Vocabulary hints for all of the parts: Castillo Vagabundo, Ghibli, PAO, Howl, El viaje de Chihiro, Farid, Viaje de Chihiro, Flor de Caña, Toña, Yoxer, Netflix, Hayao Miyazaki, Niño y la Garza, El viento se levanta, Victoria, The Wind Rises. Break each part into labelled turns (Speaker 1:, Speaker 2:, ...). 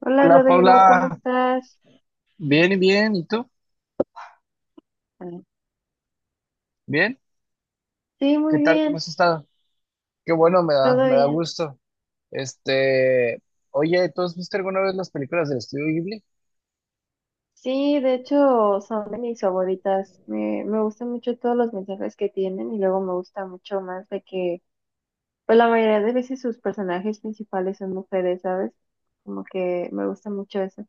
Speaker 1: Hola
Speaker 2: Hola
Speaker 1: Rodrigo, ¿cómo
Speaker 2: Paula,
Speaker 1: estás?
Speaker 2: bien y bien, ¿y tú?
Speaker 1: Mm.
Speaker 2: ¿Bien?
Speaker 1: Sí,
Speaker 2: ¿Qué
Speaker 1: muy
Speaker 2: tal? ¿Cómo
Speaker 1: bien,
Speaker 2: has estado? Qué bueno, me da,
Speaker 1: todo
Speaker 2: me da
Speaker 1: bien.
Speaker 2: gusto. Este, Oye, ¿tú has visto alguna vez las películas del estudio Ghibli?
Speaker 1: Sí, de hecho son de mis favoritas. Me gustan mucho todos los mensajes que tienen y luego me gusta mucho más de que, pues la mayoría de veces sus personajes principales son mujeres, ¿sabes? Como que me gusta mucho eso.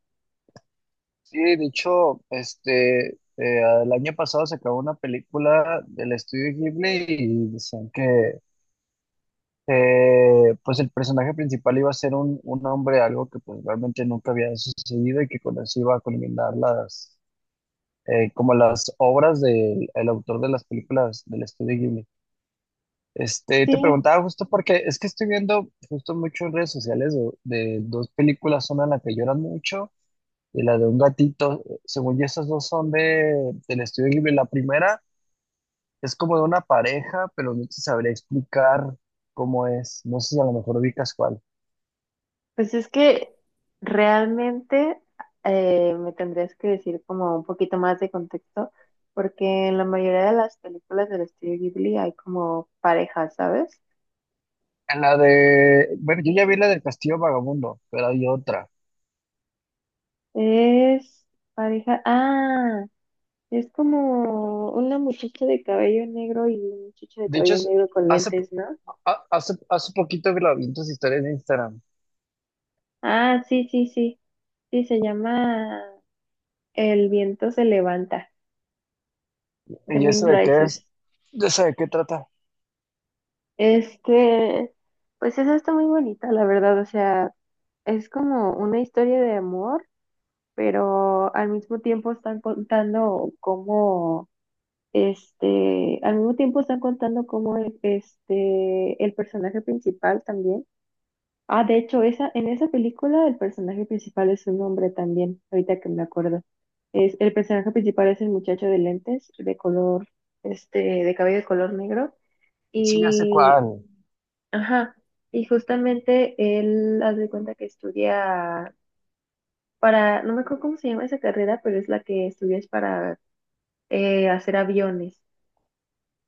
Speaker 2: Sí, de hecho, el año pasado se acabó una película del estudio Ghibli y decían que pues el personaje principal iba a ser un hombre, algo que pues realmente nunca había sucedido y que con eso iba a culminar las, como las obras del el autor de las películas del estudio Ghibli.
Speaker 1: Sí,
Speaker 2: Te preguntaba justo porque es que estoy viendo justo mucho en redes sociales de dos películas, una en la que lloran mucho y la de un gatito. Según yo, esas dos son del estudio Ghibli. La primera es como de una pareja, pero no te sabría explicar cómo es. No sé si a lo mejor ubicas cuál.
Speaker 1: pues es que realmente me tendrías que decir como un poquito más de contexto, porque en la mayoría de las películas del estudio Ghibli hay como parejas, ¿sabes?
Speaker 2: En la de, bueno, yo ya vi la del Castillo Vagabundo, pero hay otra.
Speaker 1: Es pareja. Ah, es como una muchacha de cabello negro y un muchacho de
Speaker 2: De hecho,
Speaker 1: cabello negro con
Speaker 2: hace,
Speaker 1: lentes, ¿no?
Speaker 2: hace poquito que la vi en tus historias de Instagram.
Speaker 1: Ah, sí, sí, sí. Sí, se llama El viento se levanta, The
Speaker 2: ¿Y eso
Speaker 1: Wind
Speaker 2: de qué
Speaker 1: Rises.
Speaker 2: es? ¿De eso de qué trata?
Speaker 1: Este, pues esa está muy bonita, la verdad. O sea, es como una historia de amor, pero al mismo tiempo están contando cómo el personaje principal también. Ah, de hecho, en esa película el personaje principal es un hombre también, ahorita que me acuerdo. El personaje principal es el muchacho de lentes, de color, de cabello de color negro.
Speaker 2: Sí, ya sé
Speaker 1: Y,
Speaker 2: cuál.
Speaker 1: ajá, y justamente él haz de cuenta que estudia para, no me acuerdo cómo se llama esa carrera, pero es la que estudias para hacer aviones.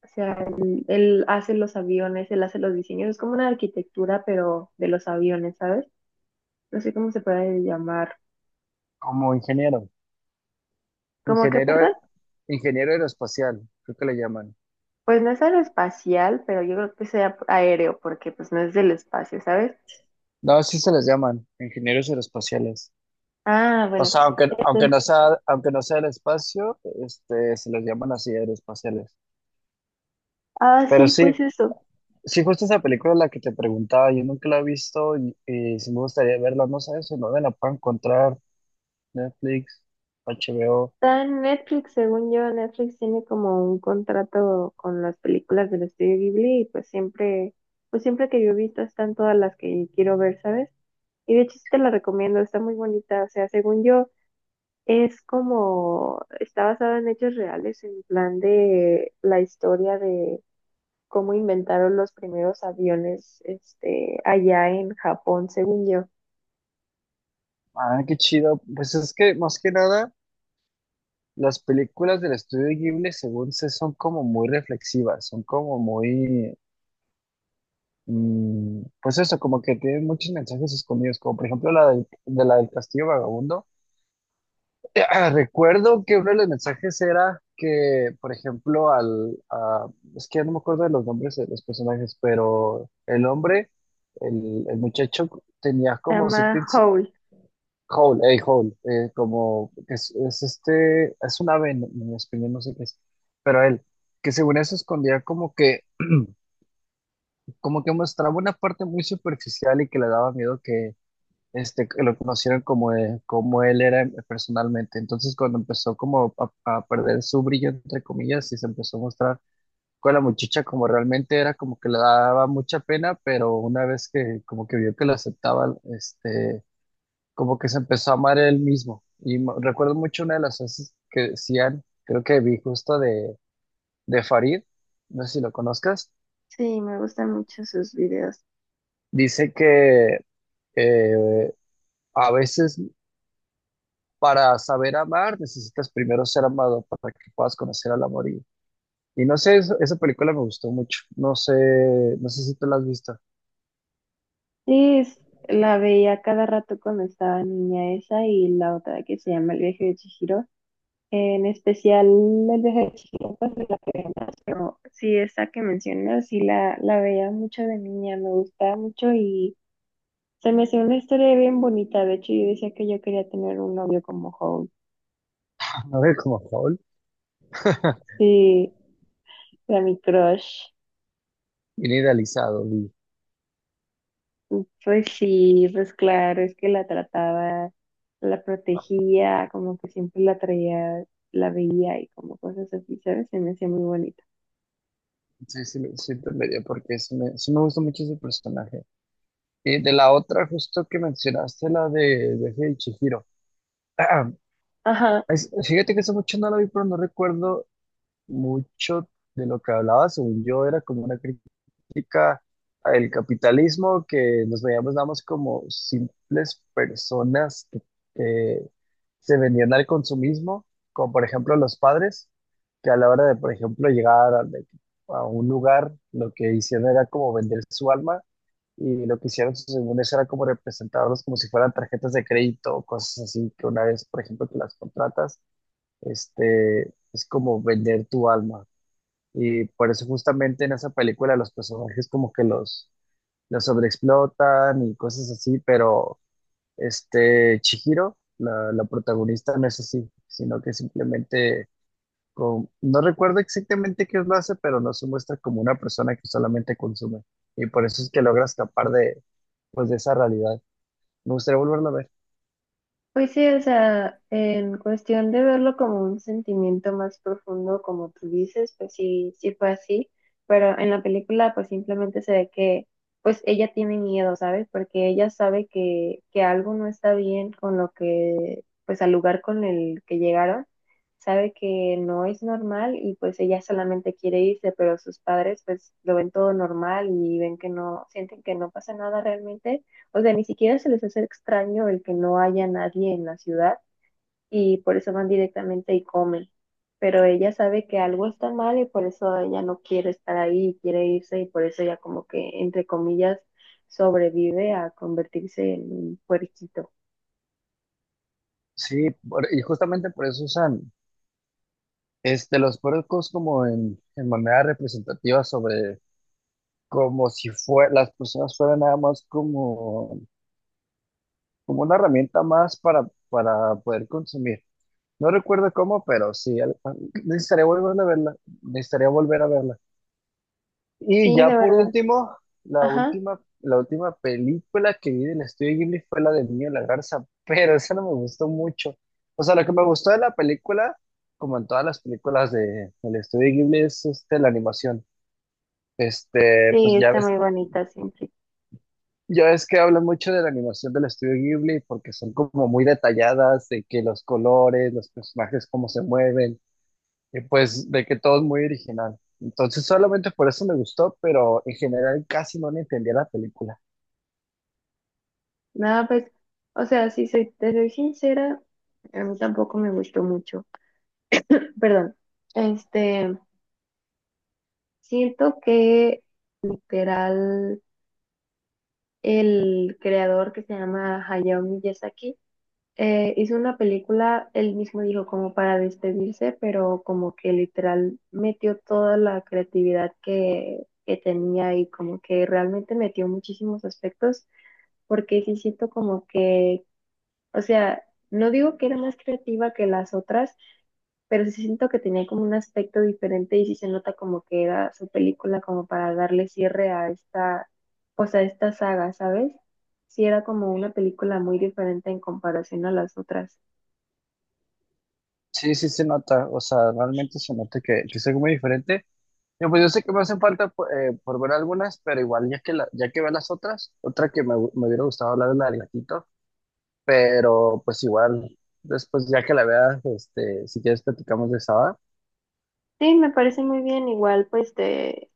Speaker 1: O sea, él hace los aviones, él hace los diseños, es como una arquitectura, pero de los aviones, ¿sabes? No sé cómo se puede llamar.
Speaker 2: Como ingeniero,
Speaker 1: ¿Cómo que,
Speaker 2: ingeniero,
Speaker 1: perdón?
Speaker 2: ingeniero aeroespacial, creo que le llaman.
Speaker 1: Pues no es aeroespacial, pero yo creo que sea aéreo, porque pues no es del espacio, ¿sabes?
Speaker 2: No, sí se les llaman, ingenieros aeroespaciales.
Speaker 1: Ah,
Speaker 2: O
Speaker 1: bueno.
Speaker 2: sea,
Speaker 1: entonces-
Speaker 2: aunque no sea el espacio, se les llaman así aeroespaciales.
Speaker 1: ah,
Speaker 2: Pero
Speaker 1: sí,
Speaker 2: sí,
Speaker 1: pues eso.
Speaker 2: sí justo esa película de la que te preguntaba, yo nunca la he visto y sí me gustaría verla, no sé si no me la puedo encontrar, Netflix, HBO.
Speaker 1: Está en Netflix, según yo, Netflix tiene como un contrato con las películas del estudio Ghibli y pues siempre que yo he visto están todas las que quiero ver, ¿sabes? Y de hecho sí te la recomiendo, está muy bonita. O sea, según yo, es como, está basado en hechos reales, en plan de la historia de cómo inventaron los primeros aviones, allá en Japón, según yo.
Speaker 2: Ah, qué chido. Pues es que más que nada, las películas del estudio Ghibli, según sé, son como muy reflexivas, son como muy mm, pues eso, como que tiene muchos mensajes escondidos, como por ejemplo la del Castillo Vagabundo. Recuerdo que uno de los mensajes era que, por ejemplo, es que ya no me acuerdo de los nombres de los personajes, pero el hombre, el muchacho tenía
Speaker 1: Se
Speaker 2: como cierto
Speaker 1: llama Howl.
Speaker 2: Howl, hey, Howl, como que es es un ave en español, no sé qué es, pero él, que según eso escondía como que como que mostraba una parte muy superficial y que le daba miedo que que lo conocieran como como él era personalmente. Entonces cuando empezó a perder su brillo, entre comillas, y se empezó a mostrar con la muchacha como realmente era, como que le daba mucha pena, pero una vez que como que vio que lo aceptaba, como que se empezó a amar él mismo. Y recuerdo mucho una de las frases que decían, creo que vi justo de Farid, no sé si lo conozcas,
Speaker 1: Sí, me gustan mucho sus videos.
Speaker 2: dice que eh, a veces para saber amar necesitas primero ser amado para que puedas conocer al amor. Y no sé, esa película me gustó mucho. No sé, no sé si tú la has visto.
Speaker 1: Sí, la veía cada rato cuando estaba niña esa y la otra que se llama El viaje de Chihiro. En especial El viaje de Chihiro, pues me la veía más, pero sí, esa que mencionas, sí la veía mucho de niña, me gustaba mucho. Se me hacía una historia bien bonita. De hecho, yo decía que yo quería tener un novio como Holt.
Speaker 2: No ve como Paul,
Speaker 1: Sí, era mi crush.
Speaker 2: bien idealizado.
Speaker 1: Pues sí, pues claro, es que la trataba, la protegía, como que siempre la traía, la veía y como cosas así, ¿sabes? Se me hacía muy bonita.
Speaker 2: Sí, sí te medio porque sí me gustó mucho ese personaje. Y de la otra, justo que mencionaste, la de Viaje de Chihiro.
Speaker 1: Ajá.
Speaker 2: Fíjate que hace mucho no la vi, pero no recuerdo mucho de lo que hablaba, según yo, era como una crítica al capitalismo, que nos veíamos nada más como simples personas que se vendían al consumismo, como por ejemplo los padres, que a la hora de, por ejemplo, a un lugar, lo que hicieron era como vender su alma, y lo que hicieron, según eso, era como representarlos como si fueran tarjetas de crédito o cosas así, que una vez, por ejemplo, que las contratas es como vender tu alma. Y por eso justamente en esa película los personajes como que los sobreexplotan y cosas así, pero Chihiro, la protagonista, no es así, sino que simplemente, no recuerdo exactamente qué es lo hace, pero no se muestra como una persona que solamente consume. Y por eso es que logra escapar de, pues, de esa realidad. Me gustaría volverla a ver.
Speaker 1: Pues sí, o sea, en cuestión de verlo como un sentimiento más profundo, como tú dices, pues sí, sí fue así, pero en la película pues simplemente se ve que pues ella tiene miedo, ¿sabes? Porque ella sabe que algo no está bien con lo que, pues al lugar con el que llegaron, sabe que no es normal y pues ella solamente quiere irse, pero sus padres pues lo ven todo normal y ven que no, sienten que no pasa nada realmente. O sea, ni siquiera se les hace extraño el que no haya nadie en la ciudad y por eso van directamente y comen. Pero ella sabe que algo está mal y por eso ella no quiere estar ahí, quiere irse y por eso ella como que, entre comillas, sobrevive a convertirse en un puerquito.
Speaker 2: Sí, y justamente por eso usan los puercos como en manera representativa sobre como si fue, las personas fueran nada más como una herramienta más para poder consumir. No recuerdo cómo, pero sí, necesitaría volver a verla, necesitaría volver a verla. Y
Speaker 1: Sí,
Speaker 2: ya
Speaker 1: de
Speaker 2: por
Speaker 1: verdad.
Speaker 2: último,
Speaker 1: Ajá.
Speaker 2: la última película que vi del estudio Ghibli fue la del Niño y la Garza, pero esa no me gustó mucho. O sea, lo que me gustó de la película como en todas las películas del estudio Ghibli es la animación.
Speaker 1: Sí,
Speaker 2: Pues
Speaker 1: está muy bonita siempre.
Speaker 2: ya ves que hablan mucho de la animación del estudio Ghibli porque son como muy detalladas, de que los colores, los personajes, cómo se mueven, y pues de que todo es muy original. Entonces solamente por eso me gustó, pero en general casi no le entendía la película.
Speaker 1: Nada, pues, o sea, si soy, te soy sincera, a mí tampoco me gustó mucho. Perdón. Este, Siento que, literal, el creador que se llama Hayao Miyazaki hizo una película, él mismo dijo como para despedirse, pero como que literal metió toda la creatividad que tenía y como que realmente metió muchísimos aspectos, porque sí siento como que, o sea, no digo que era más creativa que las otras, pero sí siento que tenía como un aspecto diferente y sí se nota como que era su película como para darle cierre a esta, pues a esta saga, ¿sabes? Sí era como una película muy diferente en comparación a las otras.
Speaker 2: Sí, sí se nota, o sea, realmente se nota que es algo muy diferente. Yo, pues yo sé que me hacen falta por ver algunas, pero igual ya que, ya que veo las otras, otra que me hubiera gustado hablar es la del gatito, pero pues igual, después ya que la veas, si quieres platicamos de esa, va.
Speaker 1: Sí, me parece muy bien, igual pues te,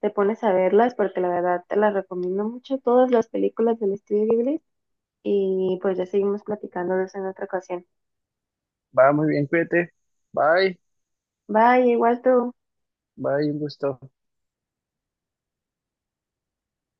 Speaker 1: te pones a verlas porque la verdad te las recomiendo mucho, todas las películas del estudio Ghibli y pues ya seguimos platicando de eso en otra ocasión.
Speaker 2: Va, muy bien, cuídate. Bye,
Speaker 1: Bye, igual tú.
Speaker 2: bye, un gusto.